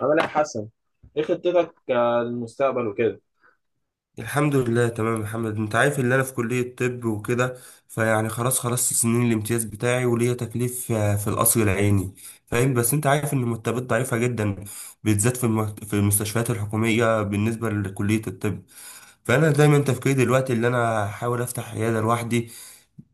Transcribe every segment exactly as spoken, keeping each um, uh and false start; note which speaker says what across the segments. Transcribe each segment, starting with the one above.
Speaker 1: عامل ايه يا حسن؟ ايه خطتك، آه، للمستقبل وكده؟
Speaker 2: الحمد لله، تمام يا محمد. انت عارف ان انا في كلية طب وكده، فيعني خلاص خلصت سنين الامتياز بتاعي وليا تكليف آه، في القصر العيني، فاهم. بس انت عارف ان المرتبات ضعيفة جدا، بالذات في الم- في المستشفيات الحكومية بالنسبة لكلية الطب. فانا دايما تفكيري دلوقتي ان انا احاول افتح عيادة لوحدي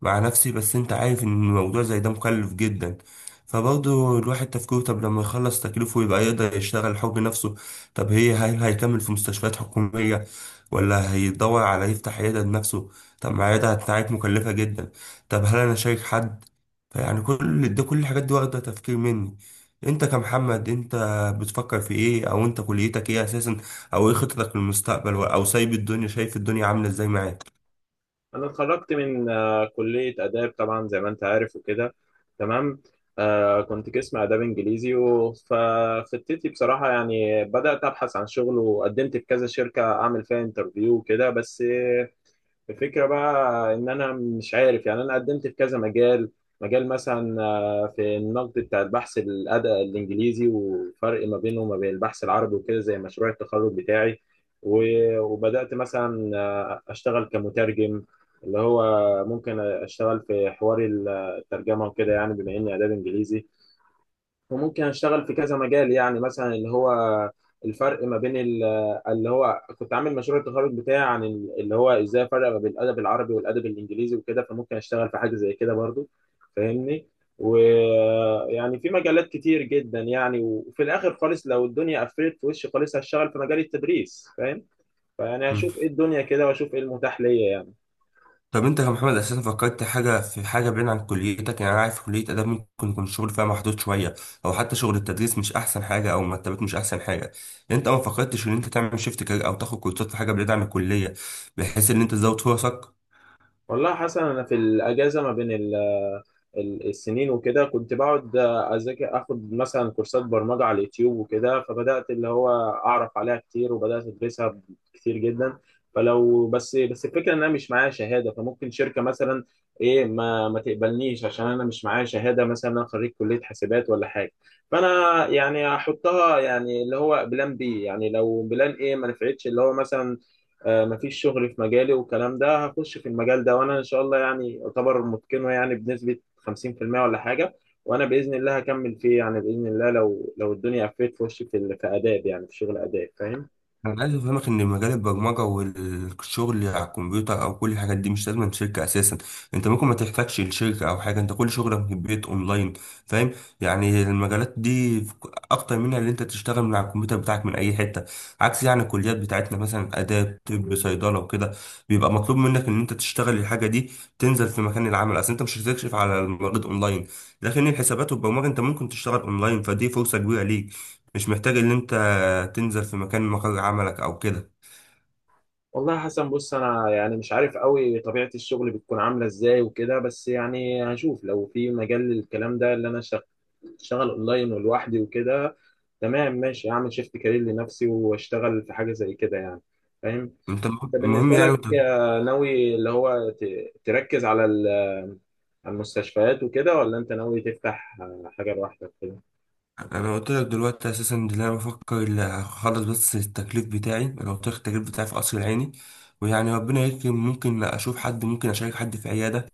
Speaker 2: مع نفسي، بس انت عارف ان الموضوع زي ده مكلف جدا. فبرضه الواحد تفكيره، طب لما يخلص تكليفه يبقى يقدر يشتغل حب نفسه. طب هي هل هيكمل في مستشفيات حكومية ولا هيدور على يفتح عيادة بنفسه؟ طب ما العيادة بتاعت مكلفة جدا. طب هل أنا شايك حد؟ فيعني كل ده، كل الحاجات دي واخدة تفكير مني. انت كمحمد، انت بتفكر في ايه؟ او انت كليتك ايه اساسا؟ او ايه خطتك للمستقبل؟ او سايب الدنيا، شايف الدنيا عاملة ازاي معاك؟
Speaker 1: انا اتخرجت من آه، كلية آداب طبعا زي ما انت عارف وكده. تمام. آه كنت قسم آداب انجليزي و- فخطتي بصراحة يعني بدأت ابحث عن شغل وقدمت في كذا شركة اعمل فيها انترفيو وكده. بس الفكرة بقى إن أنا مش عارف، يعني أنا قدمت في كذا مجال. مجال مثلا آه، في النقد بتاع البحث الأدبي الإنجليزي وفرق ما بينه وما بين البحث العربي وكده، زي مشروع التخرج بتاعي. و- وبدأت مثلا آه، أشتغل كمترجم، اللي هو ممكن أشتغل في حوار الترجمة وكده، يعني بما إني آداب إنجليزي. وممكن اشتغل في كذا مجال، يعني مثلا اللي هو الفرق ما بين ال- اللي هو كنت عامل مشروع التخرج بتاعي عن ال- اللي هو ازاي افرق ما بين الادب العربي والادب الانجليزي وكده، فممكن اشتغل في حاجه زي كده برضو. فاهمني؟ ويعني في مجالات كتير جدا يعني، وفي الاخر خالص لو الدنيا قفلت في وشي خالص هشتغل في مجال التدريس، فاهم؟ فيعني هشوف ايه الدنيا كده، واشوف ايه المتاح ليا يعني.
Speaker 2: طب انت كمحمد اساسا فكرت حاجه، في حاجه بعيد عن كليتك؟ يعني انا عارف كليه اداب ممكن يكون الشغل فيها محدود شويه، او حتى شغل التدريس مش احسن حاجه او مرتبات مش احسن حاجه. انت ما فكرتش ان انت تعمل شيفت كارير او تاخد كورسات في حاجه بعيد عن الكليه، بحيث ان انت تزود فرصك؟
Speaker 1: والله حسنا انا في الاجازه ما بين ال ال- السنين وكده كنت بقعد اذاكر، اخد مثلا كورسات برمجه على اليوتيوب وكده. فبدات اللي هو اعرف عليها كتير، وبدات ادرسها كتير جدا. فلو بس بس الفكره ان انا مش معايا شهاده، فممكن شركه مثلا ايه ما ما تقبلنيش عشان انا مش معايا شهاده، مثلا انا خريج كليه حاسبات ولا حاجه. فانا يعني احطها يعني اللي هو بلان بي، يعني لو بلان ايه ما نفعتش اللي هو مثلا، آه، مفيش شغل في مجالي والكلام ده، هخش في المجال ده، وانا ان شاء الله يعني اعتبر متقنه يعني بنسبه خمسين في المية ولا حاجة. وأنا بإذن الله هكمل فيه يعني بإذن الله، لو لو الدنيا قفلت في وشي في ال- في آداب، يعني في شغل آداب، فاهم؟
Speaker 2: انا عايز افهمك ان مجال البرمجه والشغل على الكمبيوتر او كل الحاجات دي مش لازم شركه اساسا. انت ممكن ما تحتاجش الشركه او حاجه، انت كل شغلك في البيت اونلاين، فاهم؟ يعني المجالات دي اكتر منها اللي انت تشتغل من على الكمبيوتر بتاعك من اي حته، عكس يعني الكليات بتاعتنا مثلا اداب، طب، صيدله وكده، بيبقى مطلوب منك ان انت تشتغل الحاجه دي، تنزل في مكان العمل. اصل انت مش هتكشف على المريض اونلاين، لكن الحسابات والبرمجه انت ممكن تشتغل اونلاين، فدي فرصه كبيره ليك. مش محتاج ان انت هتنزل في مكان مقر عملك او كده.
Speaker 1: والله يا حسن، بص أنا يعني مش عارف قوي طبيعة الشغل بتكون عاملة إزاي وكده، بس يعني هشوف لو في مجال للكلام ده اللي أنا شغ- شغال أونلاين ولوحدي وكده. تمام ماشي، أعمل شيفت كارير لنفسي وأشتغل في حاجة زي كده يعني. فاهم؟
Speaker 2: انت
Speaker 1: انت
Speaker 2: المهم
Speaker 1: بالنسبه
Speaker 2: يعني
Speaker 1: لك،
Speaker 2: انت،
Speaker 1: آه، ناوي اللي هو ت- تركز على ال- على المستشفيات وكده، ولا انت ناوي تفتح آه، حاجه لوحدك كده؟
Speaker 2: انا قلت لك دلوقتي اساسا ان انا بفكر ال- اخلص بس التكليف بتاعي. انا قلت لك التكليف بتاعي في قصر العيني، ويعني ربنا يكرم، ممكن اشوف حد، ممكن اشارك حد في عياده،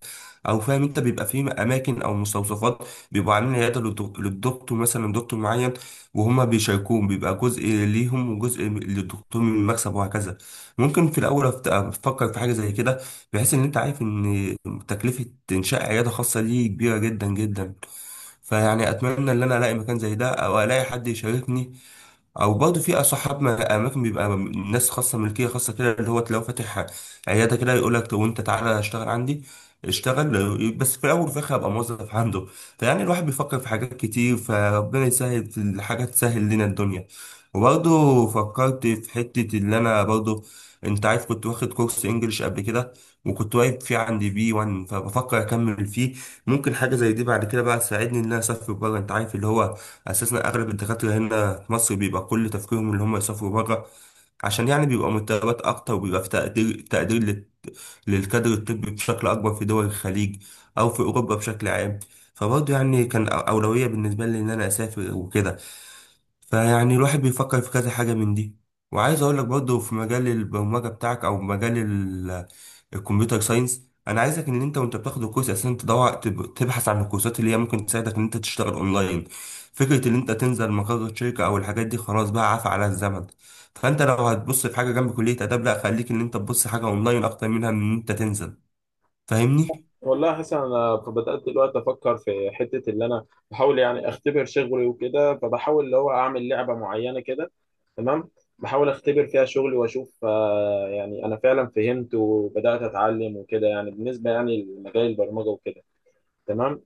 Speaker 2: او فاهم. انت بيبقى في اماكن او مستوصفات بيبقوا عاملين عياده للدك- للدكتور مثلا، دكتور معين، وهما بيشاركوهم، بيبقى جزء ليهم وجزء للدكتور من المكسب وهكذا. ممكن في الاول أفت- افكر في حاجه زي كده، بحيث ان انت عارف ان تكلفه انشاء عياده خاصه دي كبيره جدا جدا. فيعني اتمنى ان انا الاقي مكان زي ده او الاقي حد يشاركني، او برضه في صحابنا اماكن بيبقى ناس خاصه، ملكيه خاصه كده، اللي هو تلاقيه فاتح عياده كده، يقول لك وانت تعالى اشتغل عندي. اشتغل بس في الاول، وفي الاخر ابقى موظف عنده. فيعني الواحد بيفكر في حاجات كتير، فربنا يسهل في الحاجات، تسهل لنا الدنيا. وبرضه فكرت في حته اللي انا برضه، انت عارف كنت واخد كورس انجليش قبل كده، وكنت واقف فيه عندي بي وان، فبفكر اكمل فيه. ممكن حاجه زي دي بعد كده بقى تساعدني ان انا اسافر بره. انت عارف اللي هو اساسا اغلب الدكاتره هنا في مصر بيبقى كل تفكيرهم اللي هم يسافروا بره، عشان يعني بيبقى مرتبات اكتر وبيبقى في تقدير تقدير للكادر الطبي بشكل أكبر في دول الخليج أو في أوروبا بشكل عام. فبرضه يعني كان أولوية بالنسبة لي إن أنا أسافر وكده. فيعني الواحد بيفكر في كذا حاجة من دي. وعايز أقول لك برضه، في مجال البرمجة بتاعك أو مجال ال- الكمبيوتر ساينس، أنا عايزك إن أنت، وأنت بتاخد الكورس أساسا، تدور تب- تبحث عن الكورسات اللي هي ممكن تساعدك إن أنت تشتغل أونلاين. فكرة إن أنت تنزل مقر الشركة أو الحاجات دي خلاص بقى عفى على الزمن. فانت لو هتبص في حاجه جنب كليه اداب، لا، خليك ان انت تبص حاجه اونلاين اكتر منها من ان انت تنزل، فاهمني؟
Speaker 1: والله حسن، انا بدات دلوقتي افكر في حته اللي انا بحاول يعني اختبر شغلي وكده، فبحاول اللي هو اعمل لعبه معينه كده. تمام. بحاول اختبر فيها شغلي واشوف، آه، يعني انا فعلا فهمت وبدات اتعلم وكده، يعني بالنسبه يعني لمجال البرمجه وكده. تمام.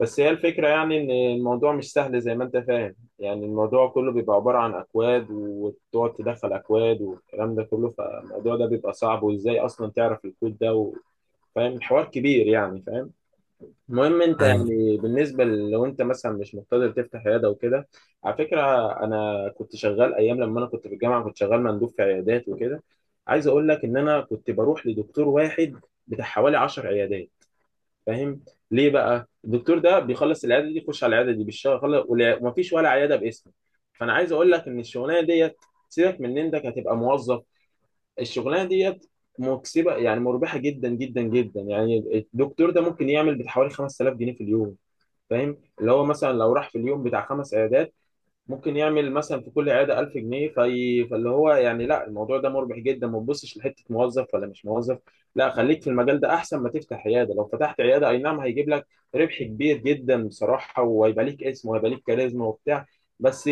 Speaker 1: بس هي الفكرة يعني إن الموضوع مش سهل زي ما أنت فاهم، يعني الموضوع كله بيبقى عبارة عن أكواد، وتقعد تدخل أكواد والكلام ده كله، فالموضوع ده بيبقى صعب. وإزاي أصلا تعرف الكود ده و- فاهم؟ الحوار كبير يعني، فاهم؟ المهم أنت
Speaker 2: ايوه.
Speaker 1: يعني بالنسبة ل- لو أنت مثلا مش مقتدر تفتح عيادة وكده. على فكرة، أنا كنت شغال أيام لما أنا كنت في الجامعة، كنت شغال مندوب في عيادات وكده. عايز أقول لك إن أنا كنت بروح لدكتور واحد بتاع حوالي عشر عيادات. فاهم؟ ليه بقى الدكتور ده بيخلص العياده دي يخش على العياده دي بالشغل، ومفيش ولا عياده باسمه. فانا عايز اقول لك ان الشغلانه ديت، سيبك من ان انك هتبقى موظف، الشغلانه ديت مكسبه يعني، مربحه جدا جدا جدا يعني. الدكتور ده ممكن يعمل بحوالي خمس تلاف جنيه في اليوم. فاهم؟ اللي هو مثلا لو راح في اليوم بتاع خمس عيادات، ممكن يعمل مثلا في كل عياده ألف جنيه في... فاللي هو يعني لا، الموضوع ده مربح جدا، ما تبصش لحته موظف ولا مش موظف، لا خليك في المجال ده احسن، ما تفتح عياده. لو فتحت عياده اي نعم هيجيب لك ربح كبير جدا بصراحه، وهيبقى ليك اسم وهيبقى ليك كاريزما وبتاع، بس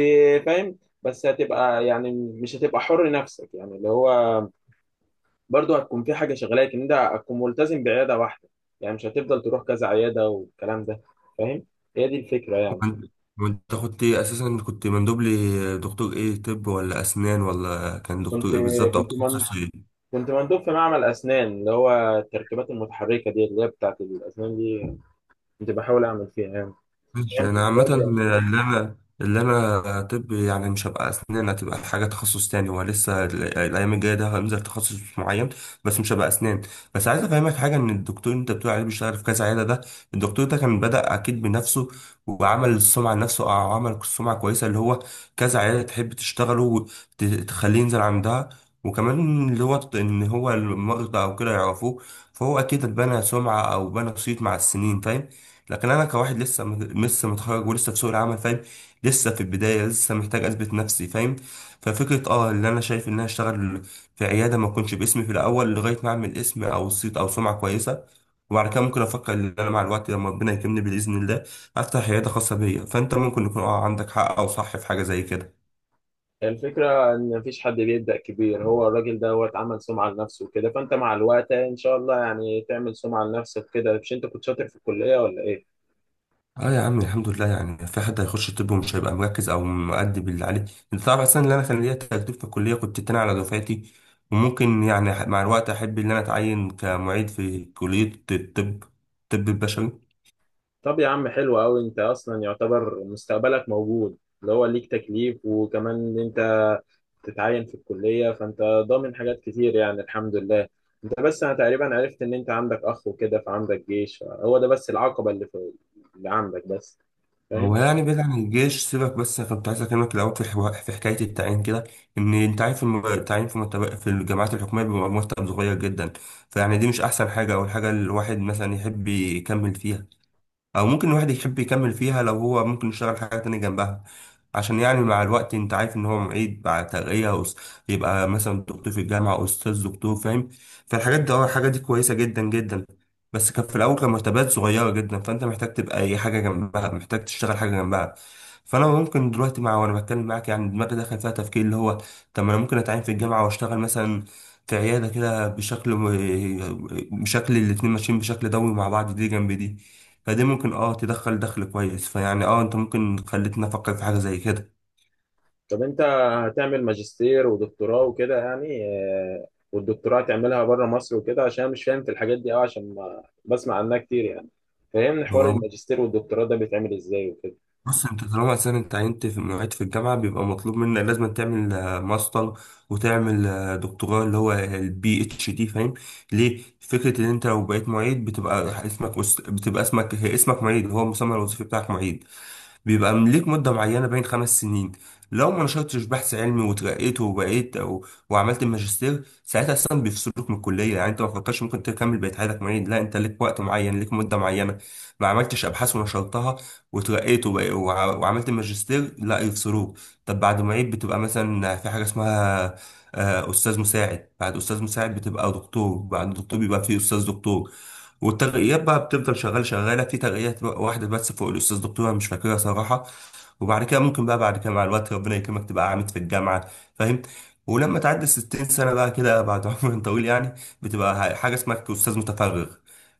Speaker 1: فاهم؟ بس هتبقى يعني مش هتبقى حر نفسك، يعني اللي هو برضه هتكون في حاجه شغلاك، ان انت هتكون ملتزم بعياده واحده، يعني مش هتفضل تروح كذا عياده والكلام ده. فاهم؟ هي دي الفكره يعني.
Speaker 2: وانت وأنت كنت إيه اساسا؟ كنت مندوب لي دكتور ايه؟ طب ولا اسنان ولا كان
Speaker 1: كنت
Speaker 2: دكتور ايه بالظبط، او
Speaker 1: كنت
Speaker 2: تخصص ايه؟
Speaker 1: كنت مندوب في معمل أسنان، اللي هو التركيبات المتحركة دي اللي هي بتاعة الأسنان دي، كنت بحاول أعمل فيها يعني. يعني
Speaker 2: ماشي. انا
Speaker 1: كنت
Speaker 2: عامة
Speaker 1: بودي أسنان.
Speaker 2: اللي انا اللي انا طب، يعني مش هبقى اسنان، هتبقى حاجة تخصص تاني. هو لسه ال- الايام الجاية ده هنزل تخصص معين، بس مش هبقى اسنان. بس عايز افهمك حاجة، ان الدكتور اللي انت بتقول عليه بيشتغل في كذا عيادة ده، الدكتور ده كان بدأ اكيد بنفسه، وعمل السمعة لنفسه او عمل سمعة كويسة، اللي هو كذا عيادة تحب تشتغله وتخليه ينزل عندها، وكمان اللي هو ان هو المرضى او كده يعرفوه، فهو اكيد اتبنى سمعة او بنى صيت مع السنين، فاهم؟ لكن انا كواحد لسه م- لسه متخرج ولسه في سوق العمل، فاهم؟ لسه في البدايه، لسه محتاج اثبت نفسي، فاهم؟ ففكره اه اللي انا شايف ان انا اشتغل في عياده ما اكونش باسمي في الاول، لغايه ما اعمل اسم او صيت او سمعه كويسه، وبعد كده ممكن افكر ان انا مع الوقت لما ربنا يكرمني باذن الله افتح عياده خاصه بيا. فانت ممكن يكون اه عندك حق او صح في حاجه زي كده.
Speaker 1: الفكرة إن مفيش حد بيبدأ كبير، هو الراجل دوت عمل سمعة لنفسه وكده، فأنت مع الوقت إن شاء الله يعني تعمل سمعة لنفسك كده. مش أنت كنت شاطر في الكلية ولا إيه؟
Speaker 2: اه يا عم، الحمد لله. يعني في حد هيخش طب ومش هيبقى مركز او مؤدي باللي عليه؟ انت تعرف اصلا ان انا كان ليا تجربه في الكليه، كنت التاني على دفعتي. وممكن يعني ح- مع الوقت احب ان انا اتعين كمعيد في كليه الطب، الطب البشري.
Speaker 1: طب يا عم حلو أوي، أنت أصلا يعتبر مستقبلك موجود، اللي هو ليك تكليف، وكمان إن أنت تتعين في الكلية، فأنت ضامن حاجات كتير يعني الحمد لله. ده بس انا تقريبا عرفت ان انت عندك اخ وكده، فعندك جيش. هو ده بس العقبه اللي في اللي عندك بس.
Speaker 2: هو
Speaker 1: فاهم؟
Speaker 2: يعني بعيد عن الجيش سيبك، بس أنا كنت عايز اكلمك الاول في حوا- في حكايه التعيين كده. ان انت عارف الم- التعيين في متب- في الجامعات الحكوميه بيبقى مرتب صغير جدا. فيعني دي مش احسن حاجه او الحاجه الواحد مثلا يحب يكمل فيها، او ممكن الواحد يحب يكمل فيها لو هو ممكن يشتغل حاجه تانية جنبها، عشان يعني مع الوقت انت عارف ان هو معيد بعد ترقيه أس- يبقى مثلا دكتور في الجامعه او استاذ دكتور، فاهم؟ فالحاجات دي اه الحاجات دي كويسه جدا جدا. بس كان في الاول كان مرتبات صغيره جدا، فانت محتاج تبقى اي حاجه جنبها، محتاج تشتغل حاجه جنبها. فانا ممكن دلوقتي، مع وانا بتكلم معاك يعني دماغي دخل فيها تفكير، اللي هو طب ما انا ممكن اتعين في الجامعه واشتغل مثلا في عياده كده بشكل م- بشكل الاتنين ماشيين بشكل دوري مع بعض، دي جنب دي. فدي ممكن اه تدخل دخل كويس، فيعني اه انت ممكن خلتني افكر في حاجه زي كده.
Speaker 1: طب انت هتعمل ماجستير ودكتوراه وكده يعني، آه، والدكتوراه تعملها بره مصر وكده؟ عشان أنا مش فاهم في الحاجات دي قوي، عشان ما بسمع عنها كتير يعني. فهمني
Speaker 2: هو
Speaker 1: حوار الماجستير والدكتوراه ده بيتعمل ازاي وكده.
Speaker 2: بص، انت طالما اساسا انت عينت في معيد في الجامعه، بيبقى مطلوب منك لازم تعمل آه، ماستر، وتعمل آه، دكتوراه اللي هو البي اتش دي، فاهم؟ ليه؟ فكره ان انت لو بقيت معيد، بتبقى اسمك وس- بتبقى اسمك هي اسمك معيد، هو المسمى الوظيفي بتاعك معيد. بيبقى ليك مدة معينة بين خمس سنين، لو ما نشرتش بحث علمي وترقيت وبقيت أو وعملت الماجستير ساعتها أصلا بيفصلوك من الكلية. يعني أنت ما فكرتش ممكن تكمل بقية حياتك معيد؟ لا، أنت ليك وقت معين، ليك مدة معينة. ما عملتش أبحاث ونشرتها وترقيت وبق- وع- وعملت الماجستير، لا، يفصلوك. طب بعد معيد بتبقى مثلا في حاجة اسمها آه، أستاذ مساعد، بعد أستاذ مساعد بتبقى دكتور، بعد دكتور بيبقى فيه أستاذ دكتور. والترقيات بقى بتفضل شغال شغاله في ترقيات بقى، واحده بس فوق الاستاذ دكتوره مش فاكرها صراحه. وبعد كده ممكن بقى بعد كده مع الوقت ربنا يكرمك تبقى عامد في الجامعه، فاهم؟ ولما تعدي ستين سنه بقى كده، بعد عمر طويل يعني، بتبقى حاجه اسمها استاذ متفرغ،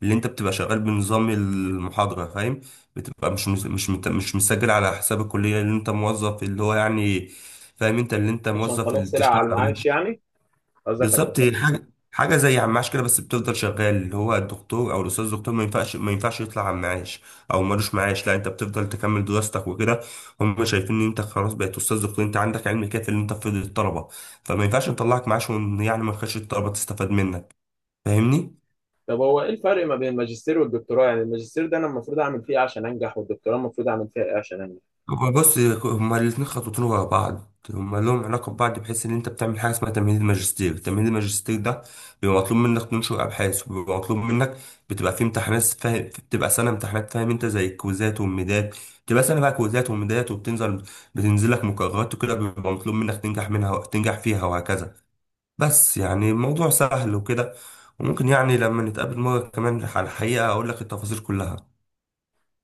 Speaker 2: اللي انت بتبقى شغال بنظام المحاضره، فاهم؟ بتبقى مش مش مش مت- مش مسجل على حساب الكليه، اللي انت موظف اللي هو يعني، فاهم؟ انت اللي انت
Speaker 1: عشان
Speaker 2: موظف
Speaker 1: خلاص
Speaker 2: اللي
Speaker 1: طلع على
Speaker 2: تشتغل.
Speaker 1: المعاش يعني، قصدك عشان
Speaker 2: بالظبط، هي
Speaker 1: خلاص.
Speaker 2: حاجه حاجه زي عماش كده، بس بتفضل شغال، اللي هو الدكتور او الاستاذ الدكتور ما ينفعش ما ينفعش يطلع عماش، او ملوش معاش، لا، انت بتفضل تكمل دراستك وكده. هم شايفين ان انت خلاص بقيت استاذ دكتور، انت عندك علم كافي ان انت تفيد الطلبه، فما ينفعش نطلعك معاش وإن يعني ما نخش الطلبه تستفاد منك، فاهمني؟
Speaker 1: طب هو ايه الفرق ما بين الماجستير والدكتوراه؟ يعني الماجستير ده انا المفروض اعمل فيه إيه عشان انجح، والدكتوراه المفروض اعمل فيها ايه عشان انجح؟
Speaker 2: هما بص، هما الاتنين خطوتين ورا بعض، هما لهم علاقة ببعض، بحيث إن أنت بتعمل حاجة اسمها تمهيد الماجستير. تمهيد الماجستير ده بيبقى مطلوب منك تنشر أبحاث، وبيبقى مطلوب منك بتبقى في امتحانات، فاهم؟ بتبقى سنة امتحانات، فاهم؟ أنت زي الكويزات والميدات، بتبقى سنة بقى كويزات وميدات، وبتنزل بتنزل لك مقررات وكده، بيبقى مطلوب منك تنجح منها، تنجح فيها وهكذا. بس يعني الموضوع سهل وكده. وممكن يعني لما نتقابل مرة كمان على الحقيقة أقول لك التفاصيل كلها.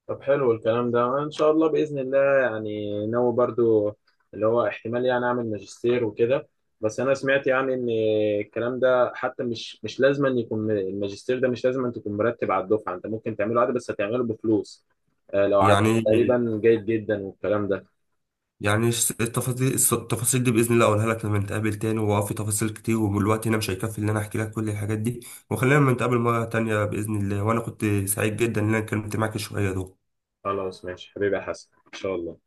Speaker 1: طب حلو الكلام ده ان شاء الله باذن الله، يعني ناوي برضو اللي هو احتمال يعني اعمل ماجستير وكده. بس انا سمعت يعني ان الكلام ده حتى مش مش لازم أن يكون م- الماجستير ده مش لازم أن تكون مرتب على الدفعه، انت ممكن تعمله عادي بس هتعمله بفلوس، آه، لو عاد
Speaker 2: يعني
Speaker 1: تقريبا جيد جدا والكلام ده.
Speaker 2: يعني الس- التفاصيل الس- التفاصيل دي باذن الله اقولها لك لما نتقابل تاني. واه، في تفاصيل كتير والوقت هنا مش هيكفي ان انا احكي لك كل الحاجات دي، وخلينا لما نتقابل مره تانية باذن الله. وانا كنت سعيد جدا ان انا اتكلمت معاك شويه دول.
Speaker 1: خلاص ماشي حبيبي يا حسن ان شاء الله.